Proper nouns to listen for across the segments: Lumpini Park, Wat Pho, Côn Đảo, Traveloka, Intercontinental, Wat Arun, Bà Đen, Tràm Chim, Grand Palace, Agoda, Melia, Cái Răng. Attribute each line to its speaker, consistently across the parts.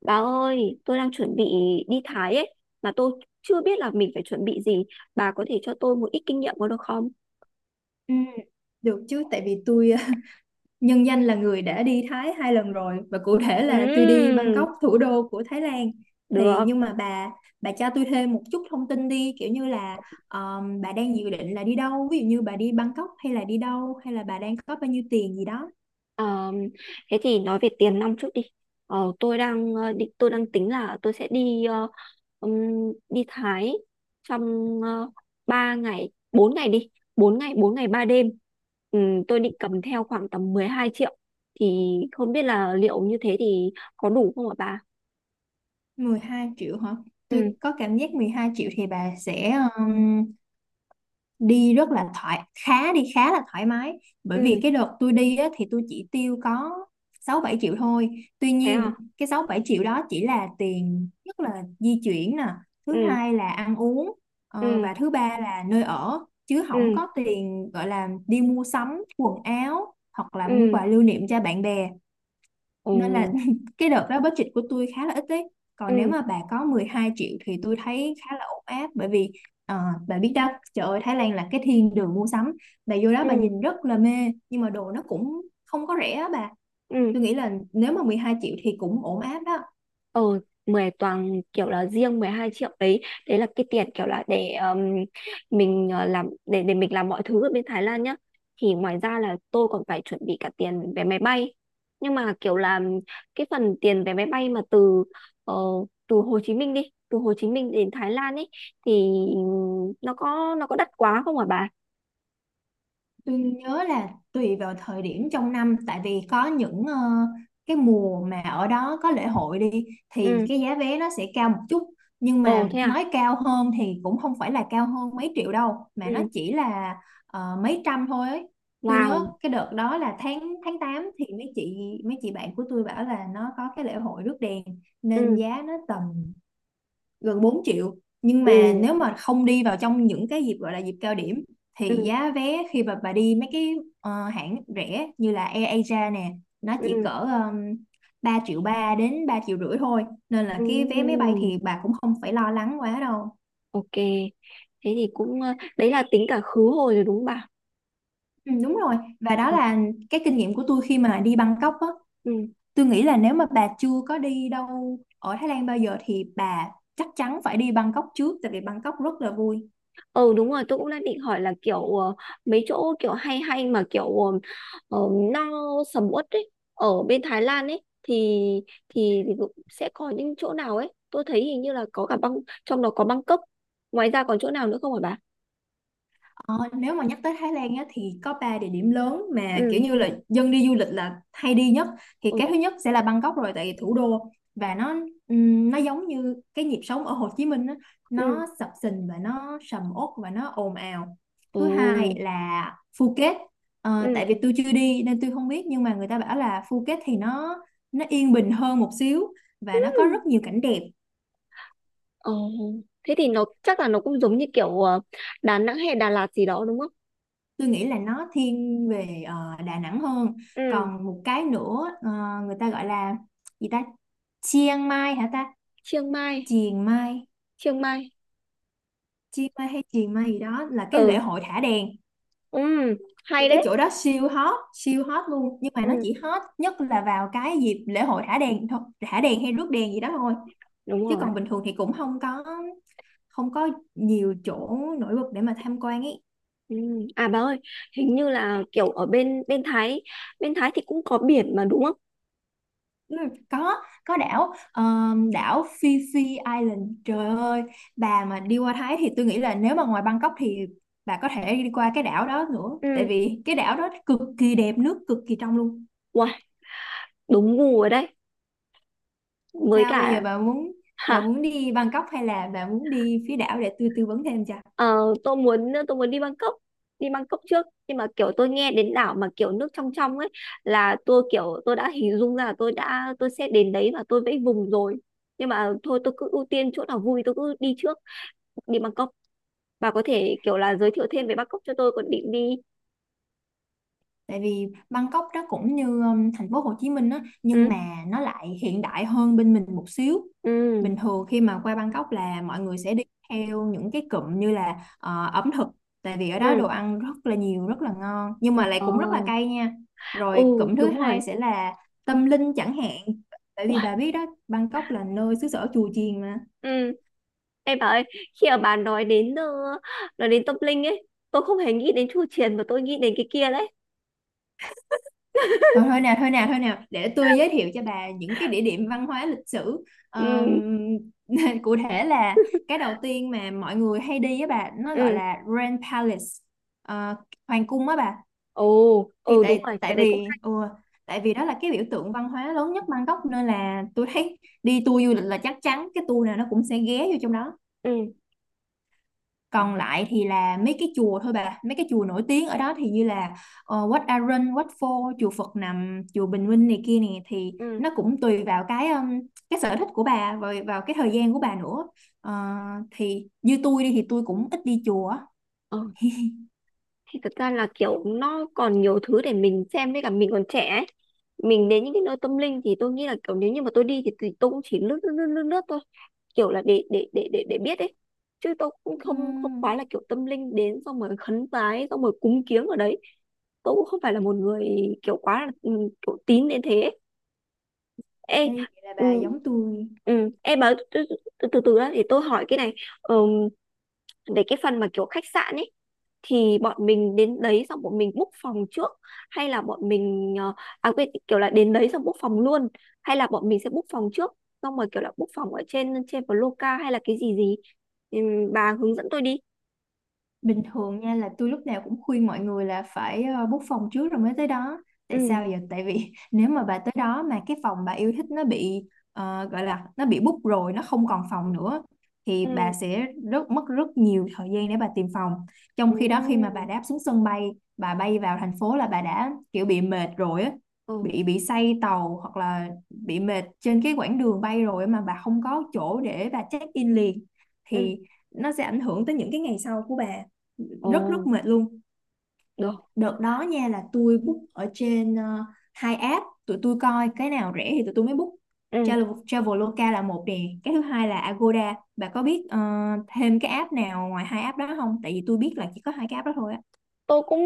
Speaker 1: Bà ơi, tôi đang chuẩn bị đi Thái ấy, mà tôi chưa biết là mình phải chuẩn bị gì. Bà có thể cho tôi một ít kinh nghiệm có được không?
Speaker 2: Ừ, được chứ tại vì tôi nhân danh là người đã đi Thái hai lần rồi, và cụ thể là tôi đi
Speaker 1: Ừm,
Speaker 2: Bangkok, thủ đô của Thái Lan. Thì
Speaker 1: được.
Speaker 2: nhưng mà bà cho tôi thêm một chút thông tin đi, kiểu như là bà đang dự định là đi đâu, ví dụ như bà đi Bangkok hay là đi đâu, hay là bà đang có bao nhiêu tiền gì đó.
Speaker 1: Ờm, Thế thì nói về tiền nong trước đi. Tôi đang tôi đang tính là tôi sẽ ừm, đi Thái trong uh, 3 ngày, 4 ngày đi, 4 ngày 3 đêm. Tôi định cầm theo khoảng tầm 12 triệu. Thì không biết là liệu như thế thì có đủ không ạ bà?
Speaker 2: Mười hai triệu hả?
Speaker 1: Ừ.
Speaker 2: Tôi có cảm giác 12 triệu thì bà sẽ um, đi rất là thoải khá đi khá là thoải mái, bởi vì
Speaker 1: Ừ,
Speaker 2: cái đợt tôi đi á, thì tôi chỉ tiêu có 6 7 triệu thôi. Tuy
Speaker 1: thế à?
Speaker 2: nhiên cái 6 7 triệu đó chỉ là tiền, nhất là di chuyển nè, thứ
Speaker 1: Ừ.
Speaker 2: hai là ăn uống,
Speaker 1: Ừ.
Speaker 2: và thứ ba là nơi ở, chứ không
Speaker 1: Ừ.
Speaker 2: có tiền gọi là đi mua sắm quần áo hoặc là mua
Speaker 1: Ừ.
Speaker 2: quà lưu niệm cho bạn bè.
Speaker 1: Ừ.
Speaker 2: Nên là cái đợt đó budget của tôi khá là ít đấy.
Speaker 1: Ừ.
Speaker 2: Còn nếu mà bà có 12 triệu thì tôi thấy khá là ổn áp, bởi vì ờ, bà biết đó, trời ơi, Thái Lan là cái thiên đường mua sắm, bà vô đó bà
Speaker 1: Ừ.
Speaker 2: nhìn rất là mê, nhưng mà đồ nó cũng không có rẻ á bà.
Speaker 1: Ừ.
Speaker 2: Tôi nghĩ là nếu mà 12 triệu thì cũng ổn áp đó.
Speaker 1: ờ Mười toàn kiểu là riêng 12 triệu đấy. Đấy là cái tiền kiểu là để mình làm để mình làm mọi thứ ở bên Thái Lan nhá. Thì ngoài ra là tôi còn phải chuẩn bị cả tiền vé máy bay, nhưng mà kiểu là cái phần tiền vé máy bay mà ờ, từ Hồ Chí Minh đến Thái Lan ấy, thì nó có đắt quá không hả bà?
Speaker 2: Tôi nhớ là tùy vào thời điểm trong năm, tại vì có những cái mùa mà ở đó có lễ hội đi thì
Speaker 1: Ừ.
Speaker 2: cái giá vé nó sẽ cao một chút, nhưng
Speaker 1: Ồ,
Speaker 2: mà
Speaker 1: thế à?
Speaker 2: nói cao hơn thì cũng không phải là cao hơn mấy triệu đâu, mà
Speaker 1: Ừ.
Speaker 2: nó chỉ là mấy trăm thôi ấy. Tôi nhớ
Speaker 1: Wow.
Speaker 2: cái đợt đó là tháng tháng tám thì mấy chị bạn của tôi bảo là nó có cái lễ hội rước đèn, nên
Speaker 1: Ừ.
Speaker 2: giá nó tầm gần 4 triệu. Nhưng
Speaker 1: Ừ.
Speaker 2: mà nếu mà không đi vào trong những cái dịp gọi là dịp cao điểm, thì
Speaker 1: Ừ.
Speaker 2: giá vé khi mà bà đi mấy cái hãng rẻ như là AirAsia nè, nó chỉ cỡ
Speaker 1: Ừ.
Speaker 2: 3 triệu ba đến 3 triệu rưỡi thôi, nên là cái vé máy
Speaker 1: Ừ.
Speaker 2: bay thì bà cũng không phải lo lắng quá đâu.
Speaker 1: Ok, thế thì cũng, đấy là tính cả khứ hồi rồi đúng không bà?
Speaker 2: Ừ, đúng rồi, và đó
Speaker 1: Ừ.
Speaker 2: là cái kinh nghiệm của tôi khi mà đi Bangkok á.
Speaker 1: Ừ.
Speaker 2: Tôi nghĩ là nếu mà bà chưa có đi đâu ở Thái Lan bao giờ thì bà chắc chắn phải đi Bangkok trước, tại vì Bangkok rất là vui.
Speaker 1: Ừ, đúng rồi, tôi cũng đang định hỏi là kiểu mấy chỗ kiểu hay hay mà kiểu ờ, ờ, no sầm uất ấy ở bên Thái Lan ấy, thì thì cũng sẽ có những chỗ nào ấy. Tôi thấy hình như là có cả băng, trong đó có Bangkok, ngoài ra còn chỗ nào nữa không hả bà?
Speaker 2: Ờ, nếu mà nhắc tới Thái Lan á, thì có 3 địa điểm lớn mà
Speaker 1: Ừ.
Speaker 2: kiểu như là dân đi du lịch là hay đi nhất. Thì
Speaker 1: Ừ.
Speaker 2: cái thứ nhất sẽ là Bangkok rồi, tại vì thủ đô, và nó giống như cái nhịp sống ở Hồ Chí Minh á,
Speaker 1: Ừ.
Speaker 2: nó sập sình và nó sầm uất và nó ồn ào. Thứ hai là Phuket. Ờ,
Speaker 1: Ừ,
Speaker 2: tại vì tôi chưa đi nên tôi không biết, nhưng mà người ta bảo là Phuket thì nó yên bình hơn một xíu
Speaker 1: ừ.
Speaker 2: và nó có rất nhiều cảnh đẹp.
Speaker 1: Ồ, thế thì nó chắc là nó cũng giống như kiểu Đà Nẵng hay Đà Lạt gì đó đúng không?
Speaker 2: Tôi nghĩ là nó thiên về Đà Nẵng hơn.
Speaker 1: Ừ,
Speaker 2: Còn một cái nữa, người ta gọi là gì ta, Chiang Mai hả ta,
Speaker 1: Chiang Mai,
Speaker 2: Chiang Mai,
Speaker 1: Chiang Mai.
Speaker 2: Chiang Mai hay Chiang Mai gì đó, là cái
Speaker 1: Ừ,
Speaker 2: lễ hội thả đèn.
Speaker 1: ừ,
Speaker 2: Thì
Speaker 1: hay
Speaker 2: cái
Speaker 1: đấy.
Speaker 2: chỗ đó siêu hot, siêu hot luôn, nhưng mà
Speaker 1: Ừ,
Speaker 2: nó chỉ hot nhất là vào cái dịp lễ hội thả đèn thôi, thả đèn hay rước đèn gì đó thôi,
Speaker 1: đúng
Speaker 2: chứ
Speaker 1: rồi.
Speaker 2: còn bình thường thì cũng không có nhiều chỗ nổi bật để mà tham quan ý.
Speaker 1: Ừ. À bà ơi, hình như là kiểu ở bên bên Thái, thì cũng có biển mà đúng không?
Speaker 2: Ừ, có có đảo, đảo Phi Phi Island. Trời ơi, bà mà đi qua Thái thì tôi nghĩ là nếu mà ngoài Bangkok thì bà có thể đi qua cái đảo đó nữa, tại
Speaker 1: Ừ,
Speaker 2: vì cái đảo đó cực kỳ đẹp, nước cực kỳ trong luôn.
Speaker 1: wow, đúng gu rồi đấy. Với
Speaker 2: Sao bây giờ
Speaker 1: cả.
Speaker 2: bà muốn bà muốn đi Bangkok hay là bà muốn đi phía đảo, để tôi tư vấn thêm cho.
Speaker 1: Ờ, tôi muốn đi Bangkok, đi Bangkok trước, nhưng mà kiểu tôi nghe đến đảo mà kiểu nước trong trong ấy là tôi kiểu tôi đã hình dung ra là tôi đã tôi sẽ đến đấy và tôi vẫy vùng rồi. Nhưng mà thôi tôi cứ ưu tiên chỗ nào vui tôi cứ đi trước, đi Bangkok. Bà có thể kiểu là giới thiệu thêm về Bangkok cho tôi còn định đi.
Speaker 2: Tại vì Bangkok đó cũng như thành phố Hồ Chí Minh á, nhưng
Speaker 1: Ừ.
Speaker 2: mà nó lại hiện đại hơn bên mình một xíu.
Speaker 1: Ừ.
Speaker 2: Bình thường khi mà qua Bangkok là mọi người sẽ đi theo những cái cụm như là ẩm thực, tại vì ở đó
Speaker 1: Ừ.
Speaker 2: đồ ăn rất là nhiều, rất là ngon, nhưng mà lại
Speaker 1: Ờ.
Speaker 2: cũng rất là cay nha. Rồi
Speaker 1: Ừ,
Speaker 2: cụm thứ
Speaker 1: đúng
Speaker 2: hai
Speaker 1: rồi.
Speaker 2: sẽ là tâm linh chẳng hạn, tại vì
Speaker 1: Uầy.
Speaker 2: bà biết đó, Bangkok là nơi xứ sở chùa chiền mà.
Speaker 1: Ừ, em bảo ơi, khi mà bà nói đến tâm linh ấy, tôi không hề nghĩ đến chu truyền mà tôi nghĩ đến cái kia đấy.
Speaker 2: Thôi, thôi nào thôi nào thôi nào, để tôi giới thiệu cho bà những cái địa điểm văn hóa lịch sử.
Speaker 1: Ừ.
Speaker 2: Ờm, cụ thể là cái đầu tiên mà mọi người hay đi á bà, nó gọi
Speaker 1: Ừ.
Speaker 2: là Grand Palace. Ờ, hoàng cung á bà.
Speaker 1: Ồ.
Speaker 2: Thì
Speaker 1: Ừ, đúng
Speaker 2: tại
Speaker 1: rồi, cái
Speaker 2: tại
Speaker 1: đấy cũng.
Speaker 2: vì ừ, tại vì đó là cái biểu tượng văn hóa lớn nhất Bangkok, nên là tôi thấy đi tour du lịch là chắc chắn cái tour nào nó cũng sẽ ghé vô trong đó.
Speaker 1: Ừ.
Speaker 2: Còn lại thì là mấy cái chùa thôi bà, mấy cái chùa nổi tiếng ở đó thì như là Wat Arun, Wat Pho, chùa Phật Nằm, chùa Bình Minh này kia này, thì
Speaker 1: Ừ.
Speaker 2: nó cũng tùy vào cái sở thích của bà và vào cái thời gian của bà nữa. Ờ, thì như tôi đi thì tôi cũng ít đi chùa.
Speaker 1: Ừ. Thì thật ra là kiểu nó còn nhiều thứ để mình xem với cả mình còn trẻ ấy. Mình đến những cái nơi tâm linh thì tôi nghĩ là kiểu nếu như mà tôi đi thì tôi cũng chỉ lướt lướt lướt lướt, lướt thôi. Kiểu là để biết ấy, chứ tôi cũng không không
Speaker 2: Ừm,
Speaker 1: phải là kiểu tâm linh đến xong rồi khấn vái xong rồi cúng kiếng ở đấy. Tôi cũng không phải là một người kiểu quá là, kiểu tín đến thế ấy. Ê.
Speaker 2: đây, vậy là
Speaker 1: Ừ.
Speaker 2: bà giống tôi.
Speaker 1: Ừ, em bảo từ từ để tôi hỏi cái này. Ừ, để cái phần mà kiểu khách sạn ấy thì bọn mình đến đấy xong bọn mình book phòng trước, hay là bọn mình, à quên, kiểu là đến đấy xong book phòng luôn, hay là bọn mình sẽ book phòng trước xong rồi kiểu là book phòng ở trên trên Loca hay là cái gì gì. Bà hướng dẫn tôi đi.
Speaker 2: Bình thường nha là tôi lúc nào cũng khuyên mọi người là phải book phòng trước rồi mới tới đó. Tại
Speaker 1: Ừ.
Speaker 2: sao vậy? Tại vì nếu mà bà tới đó mà cái phòng bà yêu thích nó bị gọi là nó bị book rồi, nó không còn phòng nữa, thì bà
Speaker 1: Ừ.
Speaker 2: sẽ rất mất rất nhiều thời gian để bà tìm phòng. Trong
Speaker 1: Ừ.
Speaker 2: khi đó khi mà bà đáp xuống sân bay, bà bay vào thành phố là bà đã kiểu bị mệt rồi á,
Speaker 1: Ừ.
Speaker 2: bị say tàu hoặc là bị mệt trên cái quãng đường bay rồi, mà bà không có chỗ để bà check in liền,
Speaker 1: Ừ.
Speaker 2: thì nó sẽ ảnh hưởng tới những cái ngày sau của bà,
Speaker 1: Ồ,
Speaker 2: rất rất mệt luôn.
Speaker 1: được.
Speaker 2: Đợt đó nha là tôi book ở trên hai app, tụi tôi coi cái nào rẻ thì tụi tôi mới book.
Speaker 1: Ừ,
Speaker 2: Traveloka là một nè, cái thứ hai là Agoda. Bà có biết thêm cái app nào ngoài hai app đó không, tại vì tôi biết là chỉ có hai cái app đó thôi á.
Speaker 1: tôi cũng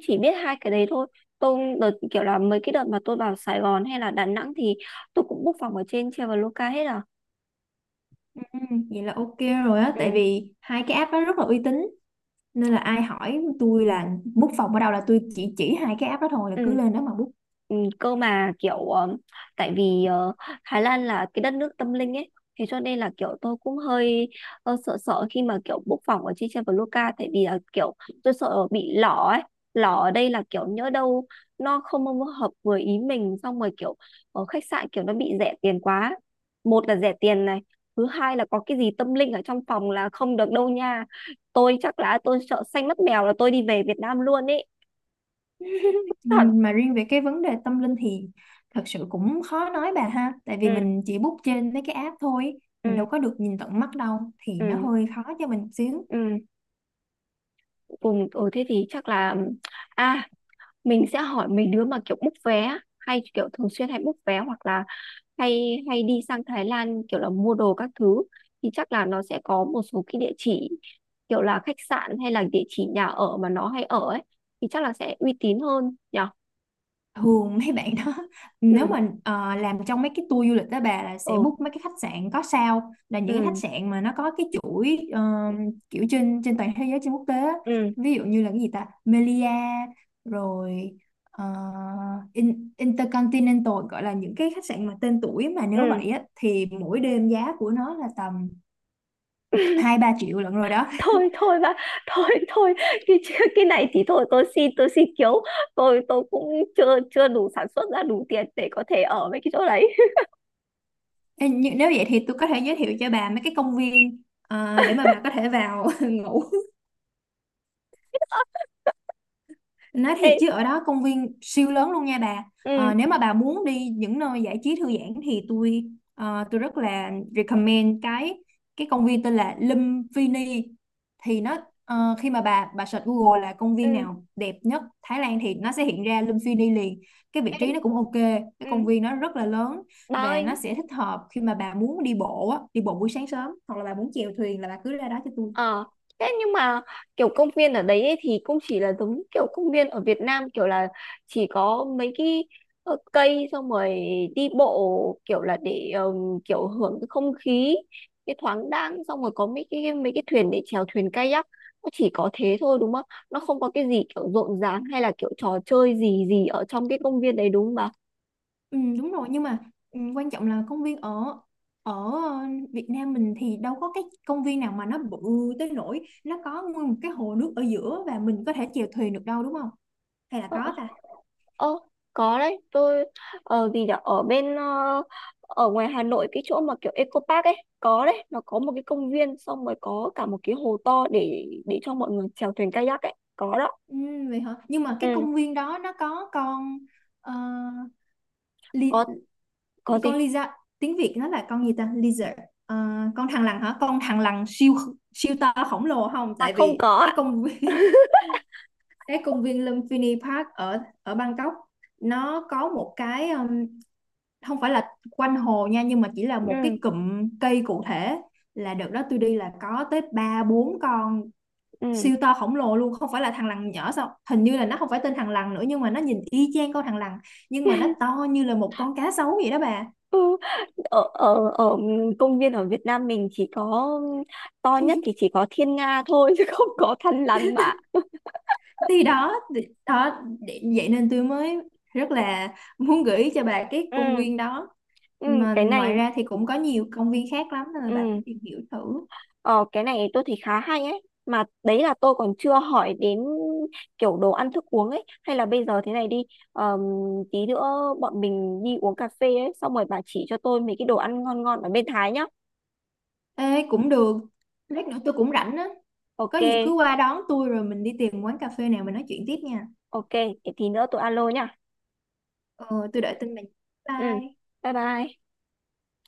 Speaker 1: chỉ biết hai cái đấy thôi. Tôi đợt kiểu là mấy cái đợt mà tôi vào Sài Gòn hay là Đà Nẵng thì tôi cũng book phòng ở trên Traveloka hết à.
Speaker 2: Ừ, vậy là ok rồi á, tại
Speaker 1: Ừ.
Speaker 2: vì hai cái app đó rất là uy tín, nên là ai hỏi tôi là book phòng ở đâu là tôi chỉ hai cái app đó thôi, là
Speaker 1: Ừ.
Speaker 2: cứ lên đó mà book.
Speaker 1: Ừ, cơ mà kiểu, tại vì Thái Lan là cái đất nước tâm linh ấy, thế cho nên là kiểu tôi cũng hơi sợ sợ khi mà kiểu book phòng ở trên Traveloka. Tại vì là kiểu tôi sợ bị lỏ ấy. Lỏ ở đây là kiểu nhỡ đâu nó không hợp với ý mình, xong rồi kiểu ở khách sạn kiểu nó bị rẻ tiền quá. Một là rẻ tiền này, thứ hai là có cái gì tâm linh ở trong phòng là không được đâu nha. Tôi chắc là tôi sợ xanh mắt mèo là tôi đi về Việt Nam luôn ấy thật.
Speaker 2: Mà riêng về cái vấn đề tâm linh thì thật sự cũng khó nói bà ha, tại vì
Speaker 1: Ừ.
Speaker 2: mình chỉ book trên mấy cái app thôi,
Speaker 1: Ừ.
Speaker 2: mình đâu có được nhìn tận mắt đâu, thì nó
Speaker 1: Ừ.
Speaker 2: hơi khó cho mình xíu.
Speaker 1: Ừ. Ừ, ừ, thế thì chắc là, à mình sẽ hỏi mấy đứa mà kiểu book vé hay kiểu thường xuyên hay book vé, hoặc là hay hay đi sang Thái Lan kiểu là mua đồ các thứ, thì chắc là nó sẽ có một số cái địa chỉ kiểu là khách sạn hay là địa chỉ nhà ở mà nó hay ở ấy, thì chắc là sẽ uy tín hơn nhở.
Speaker 2: Thường mấy bạn đó
Speaker 1: Ừ.
Speaker 2: nếu mà làm trong mấy cái tour du lịch đó bà, là sẽ
Speaker 1: Ừ.
Speaker 2: book mấy cái khách sạn có sao, là những cái khách
Speaker 1: Ừ.
Speaker 2: sạn mà nó có cái chuỗi kiểu trên trên toàn thế giới, trên quốc tế á.
Speaker 1: Ừ.
Speaker 2: Ví dụ như là cái gì ta, Melia, rồi ờ, Intercontinental, gọi là những cái khách sạn mà tên tuổi, mà nếu
Speaker 1: Ừ.
Speaker 2: vậy á thì mỗi đêm giá của nó là tầm hai ba triệu lận rồi đó.
Speaker 1: Thôi thôi bà, thôi thôi. Cái cái này thì thôi, tôi xin kiếu. Tôi cũng chưa chưa đủ sản xuất ra đủ tiền để có thể ở với cái chỗ đấy.
Speaker 2: Ê, nhưng nếu vậy thì tôi có thể giới thiệu cho bà mấy cái công viên để mà bà có thể vào ngủ. Nói
Speaker 1: Ê.
Speaker 2: thiệt chứ ở đó công viên siêu lớn luôn nha bà.
Speaker 1: Ừ.
Speaker 2: Ờ, nếu mà bà muốn đi những nơi giải trí thư giãn thì tôi tôi rất là recommend cái công viên tên là Lumpini. Thì nó khi mà bà search Google là công
Speaker 1: Ừ.
Speaker 2: viên nào đẹp nhất Thái Lan thì nó sẽ hiện ra Lumpini liền. Cái vị
Speaker 1: Ê.
Speaker 2: trí nó cũng ok, cái
Speaker 1: Ừ,
Speaker 2: công viên nó rất là lớn,
Speaker 1: bà
Speaker 2: và nó
Speaker 1: ơi,
Speaker 2: sẽ thích hợp khi mà bà muốn đi bộ á, đi bộ buổi sáng sớm, hoặc là bà muốn chèo thuyền là bà cứ ra đó cho tôi.
Speaker 1: ờ, thế nhưng mà kiểu công viên ở đấy ấy thì cũng chỉ là giống kiểu công viên ở Việt Nam kiểu là chỉ có mấy cái, cây, xong rồi đi bộ kiểu là để, kiểu hưởng cái không khí, cái thoáng đãng, xong rồi có mấy cái thuyền để chèo thuyền kayak. Nó chỉ có thế thôi đúng không? Nó không có cái gì kiểu rộn ràng hay là kiểu trò chơi gì gì ở trong cái công viên đấy đúng không bà?
Speaker 2: Ừ, đúng rồi, nhưng mà ừ, quan trọng là công viên ở ở ờ, Việt Nam mình thì đâu có cái công viên nào mà nó bự tới nỗi nó có nguyên một cái hồ nước ở giữa và mình có thể chèo thuyền được đâu, đúng không? Hay là
Speaker 1: Ờ, ờ.
Speaker 2: có ta?
Speaker 1: Ơ, có đấy. Tôi ở gì nhỉ? Ở ngoài Hà Nội, cái chỗ mà kiểu Eco Park ấy, có đấy, nó có một cái công viên, xong rồi có cả một cái hồ to để cho mọi người chèo thuyền kayak ấy, có đó.
Speaker 2: Ừ, vậy hả? Nhưng mà cái
Speaker 1: Ừ,
Speaker 2: công viên đó nó có con ờ,
Speaker 1: có.
Speaker 2: li,
Speaker 1: Có
Speaker 2: con
Speaker 1: gì?
Speaker 2: lizard, tiếng Việt nó là con gì ta? Lizard. Ờ, con thằn lằn hả? Con thằn lằn siêu siêu to khổng lồ không?
Speaker 1: À,
Speaker 2: Tại
Speaker 1: không
Speaker 2: vì
Speaker 1: có
Speaker 2: cái
Speaker 1: ạ.
Speaker 2: công viên cái công viên Lumpini Park ở ở Bangkok nó có một cái không phải là quanh hồ nha, nhưng mà chỉ là một
Speaker 1: Ừ,
Speaker 2: cái cụm cây, cụ thể là đợt đó tôi đi là có tới ba bốn con
Speaker 1: ừ.
Speaker 2: siêu to khổng lồ luôn, không phải là thằn lằn nhỏ sao, hình như là nó không phải tên thằn lằn nữa, nhưng mà nó nhìn y chang con thằn lằn, nhưng mà nó to như là một con cá sấu vậy đó bà.
Speaker 1: Ừ, ở ở ở công viên ở Việt Nam mình chỉ có to nhất thì chỉ có Thiên Nga thôi chứ không có Thăn Lằn mà.
Speaker 2: Vậy nên tôi mới rất là muốn gợi ý cho bà cái công
Speaker 1: Ừ,
Speaker 2: viên đó,
Speaker 1: ừ,
Speaker 2: mà
Speaker 1: cái này.
Speaker 2: ngoài ra thì cũng có nhiều công viên khác lắm, nên là bà cứ
Speaker 1: Ừ.
Speaker 2: tìm hiểu thử.
Speaker 1: Ờ, cái này tôi thấy khá hay ấy. Mà đấy là tôi còn chưa hỏi đến kiểu đồ ăn thức uống ấy. Hay là bây giờ thế này đi. ờm, Tí nữa bọn mình đi uống cà phê ấy. Xong rồi bà chỉ cho tôi mấy cái đồ ăn ngon ngon ở bên Thái nhá.
Speaker 2: Ê, cũng được, lát nữa tôi cũng rảnh á, có
Speaker 1: Ok,
Speaker 2: gì cứ qua đón tôi rồi mình đi tìm quán cà phê nào mình nói chuyện tiếp nha.
Speaker 1: ok. Để tí nữa tôi alo nhá.
Speaker 2: Ờ, tôi đợi tin bà.
Speaker 1: Ừ,
Speaker 2: Bye.
Speaker 1: bye bye.